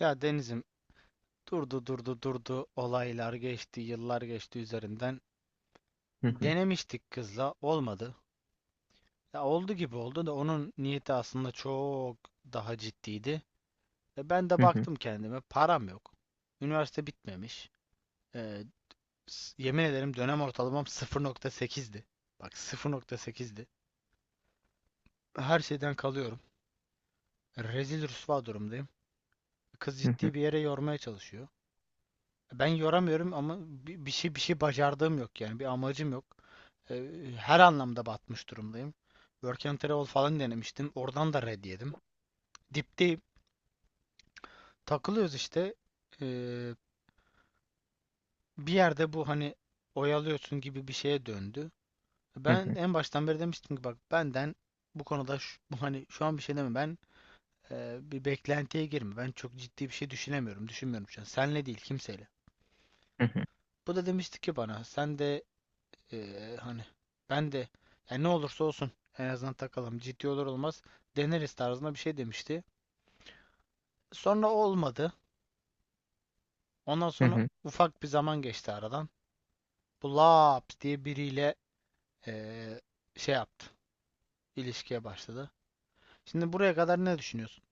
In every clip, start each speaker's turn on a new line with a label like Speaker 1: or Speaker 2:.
Speaker 1: Ya Deniz'im durdu olaylar geçti, yıllar geçti üzerinden,
Speaker 2: Hı hı,
Speaker 1: denemiştik, kızla olmadı. Ya oldu gibi oldu da onun niyeti aslında çok daha ciddiydi. E ben de
Speaker 2: hı hı,
Speaker 1: baktım kendime, param yok. Üniversite bitmemiş. E, Yemin ederim dönem ortalamam 0.8'di. Bak 0.8'di. Her şeyden kalıyorum. Rezil rüsva durumdayım. Kız
Speaker 2: hı hı,
Speaker 1: ciddi bir yere yormaya çalışıyor. Ben yoramıyorum ama bir şey bacardığım yok, yani bir amacım yok. Ee, Her anlamda batmış durumdayım. Work and Travel falan denemiştim. Oradan da red yedim. Dipteyim. Takılıyoruz işte. Ee, Bir yerde bu, hani, oyalıyorsun gibi bir şeye döndü.
Speaker 2: hı hı,
Speaker 1: Ben en baştan beri demiştim ki, bak, benden bu konuda bu, hani, şu an bir şey deme, bir beklentiye girme. Ben çok ciddi bir şey düşünemiyorum. Düşünmüyorum şu an. Senle değil, kimseyle.
Speaker 2: hı hı,
Speaker 1: Bu da demişti ki bana, sen de, hani, ben de, yani ne olursa olsun en azından takalım. Ciddi olur olmaz deneriz tarzında bir şey demişti. Sonra olmadı. Ondan
Speaker 2: hı
Speaker 1: sonra
Speaker 2: hı.
Speaker 1: ufak bir zaman geçti aradan. Bu Laps diye biriyle ee, şey yaptı, ilişkiye başladı. Şimdi buraya kadar ne düşünüyorsun?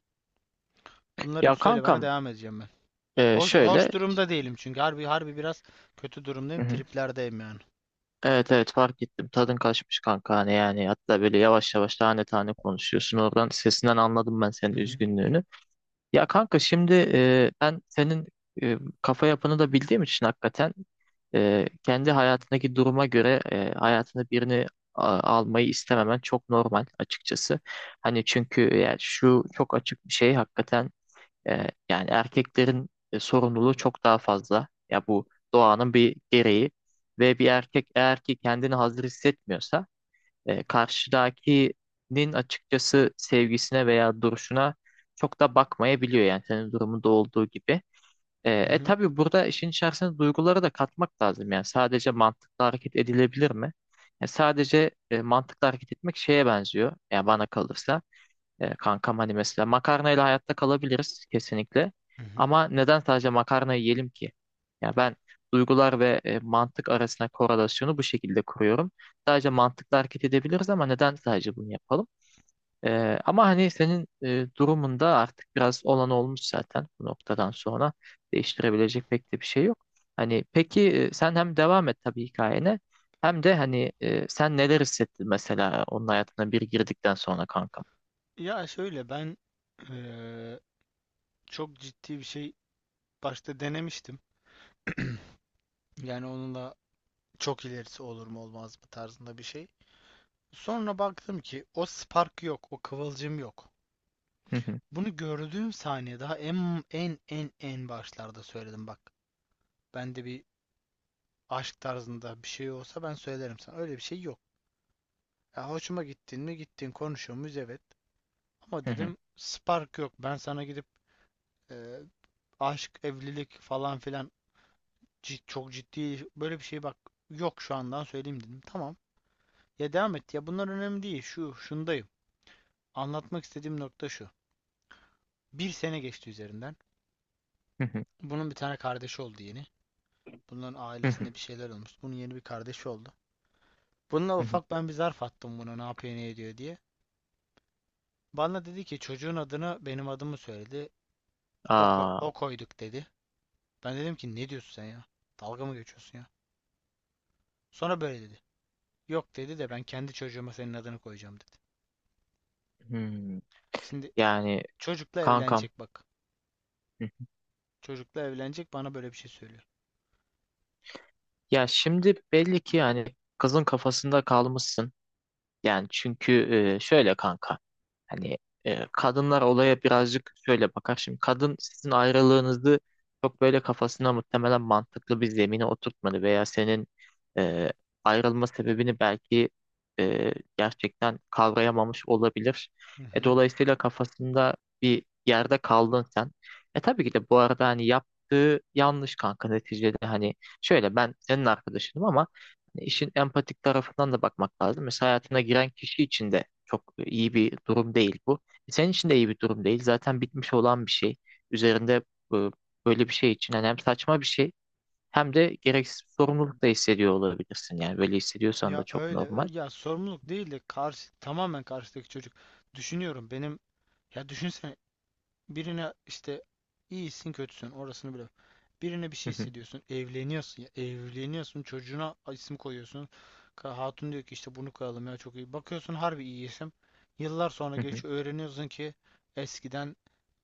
Speaker 1: Bunları bir
Speaker 2: Ya
Speaker 1: söyle, bana
Speaker 2: kankam,
Speaker 1: devam edeceğim ben. Hoş,
Speaker 2: şöyle.
Speaker 1: hoş durumda değilim çünkü harbi harbi biraz kötü
Speaker 2: Hı
Speaker 1: durumdayım.
Speaker 2: hı.
Speaker 1: Triplerdeyim yani.
Speaker 2: Evet, evet, fark ettim tadın kaçmış kanka, hani yani hatta böyle yavaş yavaş tane tane konuşuyorsun, oradan sesinden anladım ben senin
Speaker 1: Hı hı,
Speaker 2: üzgünlüğünü. Ya kanka şimdi ben senin kafa yapını da bildiğim için hakikaten kendi hayatındaki duruma göre hayatına birini almayı istememen çok normal açıkçası. Hani çünkü yani şu çok açık bir şey hakikaten. Yani erkeklerin sorumluluğu çok daha fazla. Ya bu doğanın bir gereği ve bir erkek eğer ki kendini hazır hissetmiyorsa karşıdakinin açıkçası sevgisine veya duruşuna çok da bakmayabiliyor, yani senin durumunda olduğu gibi. E,
Speaker 1: hı
Speaker 2: e
Speaker 1: hı,
Speaker 2: tabii burada işin içerisine duyguları da katmak lazım, yani sadece mantıkla hareket edilebilir mi? Yani sadece mantıklı hareket etmek şeye benziyor, yani bana kalırsa. E, kankam hani mesela makarnayla hayatta kalabiliriz kesinlikle.
Speaker 1: hı hı.
Speaker 2: Ama neden sadece makarna yiyelim ki? Ya ben duygular ve mantık arasında korelasyonu bu şekilde kuruyorum. Sadece mantıkla hareket edebiliriz, ama neden sadece bunu yapalım? E, ama hani senin durumunda artık biraz olan olmuş zaten, bu noktadan sonra değiştirebilecek pek de bir şey yok. Hani peki sen hem devam et tabii hikayene, hem de hani sen neler hissettin mesela onun hayatına bir girdikten sonra kanka?
Speaker 1: Ya şöyle, ben ee, çok ciddi bir şey başta denemiştim. Yani onun da çok ilerisi olur mu olmaz mı tarzında bir şey. Sonra baktım ki o spark yok, o kıvılcım yok.
Speaker 2: Hı hı,
Speaker 1: Bunu gördüğüm saniye, daha en başlarda söyledim, bak. Bende bir aşk tarzında bir şey olsa ben söylerim sana. Öyle bir şey yok. Ya hoşuma gittin mi, gittin. Konuşuyor muyuz, evet. Ama
Speaker 2: hı hı,
Speaker 1: dedim spark yok. Ben sana gidip e, aşk, evlilik falan filan, çok ciddi böyle bir şey, bak, yok, şu andan söyleyeyim dedim. Tamam. Ya devam et, ya bunlar önemli değil. Şu şundayım. Anlatmak istediğim nokta şu. Bir sene geçti üzerinden.
Speaker 2: hı hı,
Speaker 1: Bunun bir tane kardeşi oldu yeni. Bunların
Speaker 2: hı hı,
Speaker 1: ailesinde bir şeyler olmuş. Bunun yeni bir kardeşi oldu. Bununla
Speaker 2: hı hı.
Speaker 1: ufak ben bir zarf attım buna, ne yapıyor ne ediyor diye. Bana dedi ki çocuğun adını, benim adımı söyledi. O,
Speaker 2: Aa,
Speaker 1: o koyduk dedi. Ben dedim ki ne diyorsun sen ya? Dalga mı geçiyorsun ya? Sonra böyle dedi. Yok dedi, de ben kendi çocuğuma senin adını koyacağım dedi.
Speaker 2: hmm.
Speaker 1: Şimdi
Speaker 2: Yani
Speaker 1: çocukla
Speaker 2: kankam.
Speaker 1: evlenecek, bak.
Speaker 2: Hı.
Speaker 1: Çocukla evlenecek, bana böyle bir şey söylüyor.
Speaker 2: Ya şimdi belli ki yani kızın kafasında kalmışsın. Yani çünkü şöyle kanka, hani kadınlar olaya birazcık şöyle bakar. Şimdi kadın sizin ayrılığınızı çok böyle kafasına muhtemelen mantıklı bir zemine oturtmadı, veya senin e, ayrılma sebebini belki gerçekten kavrayamamış olabilir.
Speaker 1: Hı
Speaker 2: E,
Speaker 1: hı.
Speaker 2: dolayısıyla kafasında bir yerde kaldın sen. E, tabii ki de bu arada hani yaptığı yanlış kanka, neticede hani şöyle, ben senin arkadaşınım ama İşin empatik tarafından da bakmak lazım. Mesela hayatına giren kişi için de çok iyi bir durum değil bu. E, senin için de iyi bir durum değil. Zaten bitmiş olan bir şey. Üzerinde e, böyle bir şey için yani hem saçma bir şey, hem de gereksiz bir sorumluluk da hissediyor olabilirsin. Yani böyle hissediyorsan da
Speaker 1: Ya
Speaker 2: çok
Speaker 1: öyle,
Speaker 2: normal.
Speaker 1: öyle, ya sorumluluk değil de karşı, tamamen karşıdaki çocuk. Düşünüyorum, benim, ya düşünsene, birine işte iyisin kötüsün orasını bile. Birine bir
Speaker 2: Hı
Speaker 1: şey
Speaker 2: hı,
Speaker 1: hissediyorsun, evleniyorsun, ya evleniyorsun, çocuğuna isim koyuyorsun. Hatun diyor ki işte bunu koyalım, ya çok iyi. Bakıyorsun, harbi iyi isim. Yıllar sonra
Speaker 2: hı hı.
Speaker 1: geçiyor öğreniyorsun ki eskiden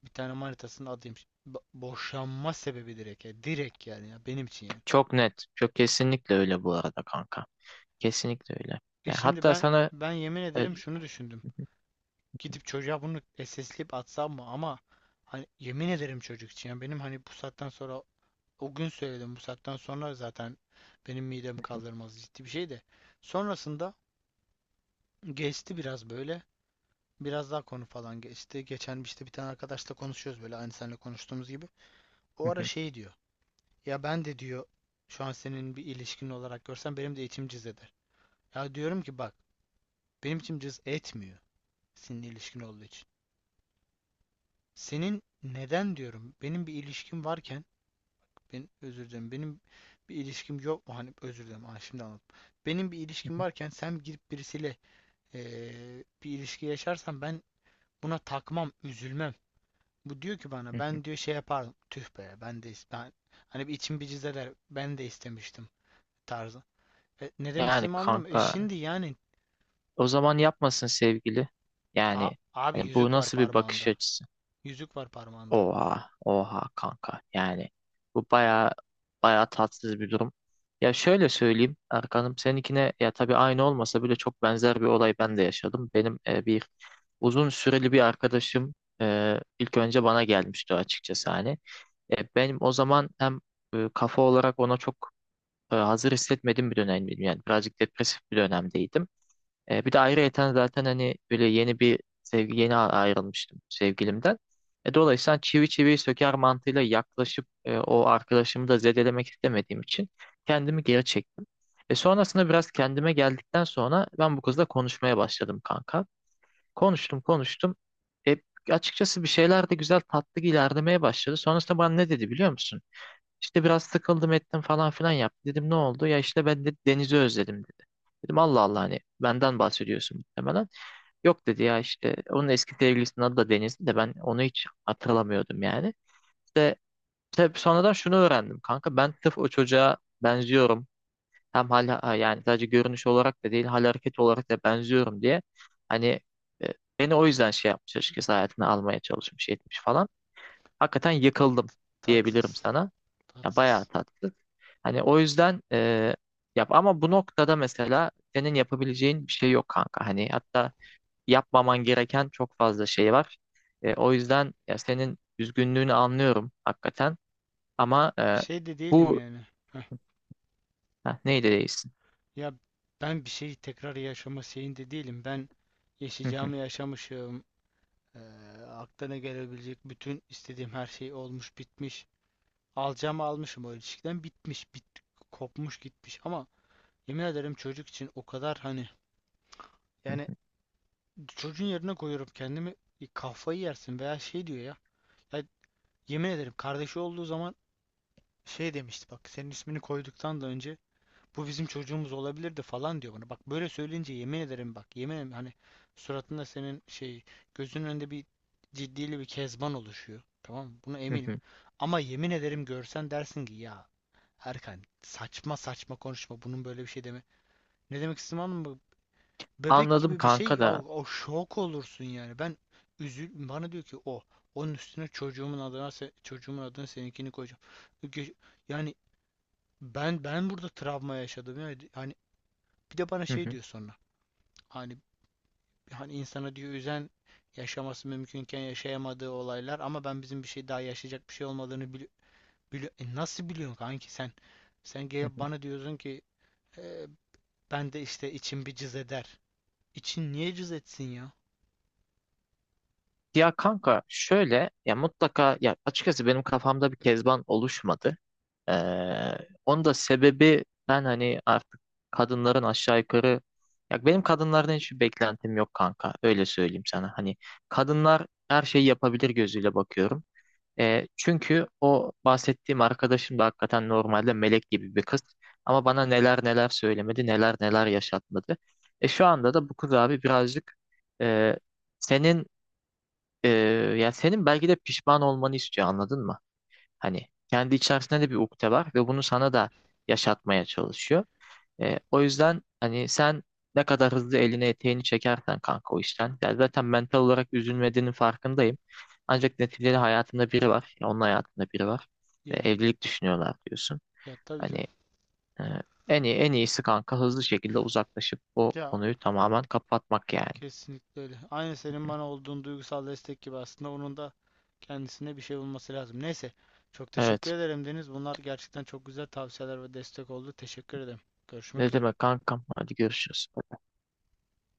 Speaker 1: bir tane manitasının adıymış. Boşanma sebebi direkt, ya direkt yani, ya benim için yani.
Speaker 2: Çok net. Çok, kesinlikle öyle bu arada kanka. Kesinlikle öyle.
Speaker 1: E
Speaker 2: Yani
Speaker 1: şimdi
Speaker 2: hatta
Speaker 1: ben
Speaker 2: sana
Speaker 1: ben yemin
Speaker 2: e,
Speaker 1: ederim şunu düşündüm. Gidip çocuğa bunu SS'leyip atsam mı? Ama hani, yemin ederim çocuk için. Ya benim, hani, bu saatten sonra, o gün söyledim, bu saatten sonra zaten benim midem kaldırmaz ciddi bir şey de. Sonrasında geçti biraz böyle. Biraz daha konu falan geçti. Geçen işte bir tane arkadaşla konuşuyoruz böyle, aynı seninle konuştuğumuz gibi. O
Speaker 2: hı
Speaker 1: ara
Speaker 2: hı,
Speaker 1: şey diyor. Ya ben de diyor, şu an senin bir ilişkin olarak görsem benim de içim cız eder. Ya diyorum ki bak, benim içim cız etmiyor seninle ilişkin olduğu için. Senin neden, diyorum? Benim bir ilişkim varken, ben özür dilerim, benim bir ilişkim yok mu? Hani, özür dilerim. Ha, şimdi anladım. Benim bir ilişkim varken sen girip birisiyle bir ilişki yaşarsan ben buna takmam, üzülmem. Bu diyor ki
Speaker 2: hı
Speaker 1: bana,
Speaker 2: hı.
Speaker 1: ben diyor şey yapardım. Tüh be, ben de ben, hani, bir içim bir cız, ben de istemiştim tarzı. E, ne demek
Speaker 2: Yani
Speaker 1: istediğimi anladın mı? E
Speaker 2: kanka,
Speaker 1: şimdi yani
Speaker 2: o zaman yapmasın sevgili. Yani
Speaker 1: abi,
Speaker 2: hani bu
Speaker 1: yüzük var
Speaker 2: nasıl bir bakış
Speaker 1: parmağında.
Speaker 2: açısı?
Speaker 1: Yüzük var parmağında.
Speaker 2: Oha, oha kanka. Yani bu baya baya tatsız bir durum. Ya şöyle söyleyeyim Erkan'ım, seninkine ya tabii aynı olmasa bile çok benzer bir olay ben de yaşadım. Benim bir uzun süreli bir arkadaşım ilk önce bana gelmişti açıkçası hani. E, benim o zaman hem kafa olarak ona çok hazır hissetmediğim bir dönemdim. Yani birazcık depresif bir dönemdeydim. E, bir de ayrıyeten zaten hani böyle yeni bir sevgi yeni ayrılmıştım sevgilimden. E, dolayısıyla hani çivi çiviyi söker mantığıyla yaklaşıp o arkadaşımı da zedelemek istemediğim için kendimi geri çektim. E, sonrasında biraz kendime geldikten sonra ben bu kızla konuşmaya başladım kanka. Konuştum konuştum. E, açıkçası bir şeyler de güzel tatlı ilerlemeye başladı. Sonrasında bana ne dedi biliyor musun? İşte biraz sıkıldım ettim falan filan yaptı. Dedim ne oldu? Ya işte ben de denizi özledim dedi. Dedim Allah Allah, hani benden bahsediyorsun muhtemelen. Yok dedi, ya işte onun eski sevgilisinin adı da Deniz'di de, ben onu hiç hatırlamıyordum yani. Tabii sonradan şunu öğrendim kanka, ben tıf o çocuğa benziyorum. Hem yani sadece görünüş olarak da değil, hal hareket olarak da benziyorum diye. Hani e, beni o yüzden şey yapmış açıkçası, hayatına almaya çalışmış etmiş falan. Hakikaten yıkıldım diyebilirim
Speaker 1: Tatsız.
Speaker 2: sana. Ya bayağı
Speaker 1: Tatsız.
Speaker 2: tatlı. Hani o yüzden yap, ama bu noktada mesela senin yapabileceğin bir şey yok kanka. Hani hatta yapmaman gereken çok fazla şey var. E, o yüzden ya senin üzgünlüğünü anlıyorum hakikaten. Ama e,
Speaker 1: Şey de değilim
Speaker 2: bu
Speaker 1: yani. Heh.
Speaker 2: ha, neydi değilsin?
Speaker 1: Ya ben bir şeyi tekrar yaşama şeyinde değilim. Ben yaşayacağımı yaşamışım. Ee, Aklına gelebilecek bütün istediğim her şey olmuş bitmiş. Alacağımı almışım o ilişkiden, bitmiş, bit, kopmuş gitmiş, ama yemin ederim çocuk için o kadar, hani, yani, çocuğun yerine koyuyorum kendimi. E, kafayı yersin veya şey diyor ya. Ya yemin ederim kardeşi olduğu zaman şey demişti, bak, senin ismini koyduktan da önce, bu bizim çocuğumuz olabilirdi falan diyor bana. Bak böyle söyleyince, yemin ederim, bak yemin ederim, hani, suratında senin, şey, gözünün önünde bir ciddili bir kezban oluşuyor. Tamam mı? Buna eminim. Ama yemin ederim görsen dersin ki ya Erkan, saçma saçma konuşma, bunun böyle bir şey deme. Ne demek istedim, anladın mı? Bebek
Speaker 2: Anladım
Speaker 1: gibi bir
Speaker 2: kanka
Speaker 1: şey o,
Speaker 2: da.
Speaker 1: o şok olursun yani. Ben üzül, bana diyor ki o, onun üstüne çocuğumun adına, çocuğumun adına seninkini koyacağım. Ge- Yani ben burada travma yaşadım yani. Hani bir de bana
Speaker 2: Hı
Speaker 1: şey
Speaker 2: hı,
Speaker 1: diyor sonra. Hani, hani insana diyor, üzen yaşaması mümkünken yaşayamadığı olaylar, ama ben bizim bir şey daha yaşayacak bir şey olmadığını bili, E nasıl biliyorsun kanki sen? Sen
Speaker 2: hı
Speaker 1: gelip
Speaker 2: hı.
Speaker 1: bana diyorsun ki "E, ben de işte içim bir cız eder." İçin niye cız etsin ya?
Speaker 2: Ya kanka şöyle, ya mutlaka, ya açıkçası benim kafamda bir kezban oluşmadı. Ee, Onun da sebebi, ben hani artık kadınların aşağı yukarı, ya benim kadınlardan hiçbir beklentim yok kanka, öyle söyleyeyim sana. Hani kadınlar her şeyi yapabilir gözüyle bakıyorum. Çünkü o bahsettiğim arkadaşım da hakikaten normalde melek gibi bir kız. Ama bana neler neler söylemedi, neler neler yaşatmadı. E, şu anda da bu kız abi birazcık e, senin e, ya senin belki de pişman olmanı istiyor, anladın mı? Hani kendi içerisinde de bir ukde var ve bunu sana da yaşatmaya çalışıyor. E, o yüzden hani sen ne kadar hızlı eline eteğini çekersen kanka o işten. Ya zaten mental olarak üzülmediğinin farkındayım. Ancak neticede hayatında biri var. Ya onun hayatında biri var. Ve
Speaker 1: Yani
Speaker 2: evlilik düşünüyorlar diyorsun.
Speaker 1: ya tabii canım.
Speaker 2: Hani e, en iyi, en iyisi kanka hızlı şekilde uzaklaşıp o
Speaker 1: Ya
Speaker 2: konuyu tamamen kapatmak yani.
Speaker 1: kesinlikle öyle. Aynı senin bana olduğun duygusal destek gibi, aslında onun da kendisine bir şey bulması lazım. Neyse. Çok teşekkür
Speaker 2: Evet.
Speaker 1: ederim Deniz. Bunlar gerçekten çok güzel tavsiyeler ve destek oldu. Teşekkür ederim. Görüşmek
Speaker 2: Ne
Speaker 1: üzere.
Speaker 2: demek kankam? Hadi görüşürüz.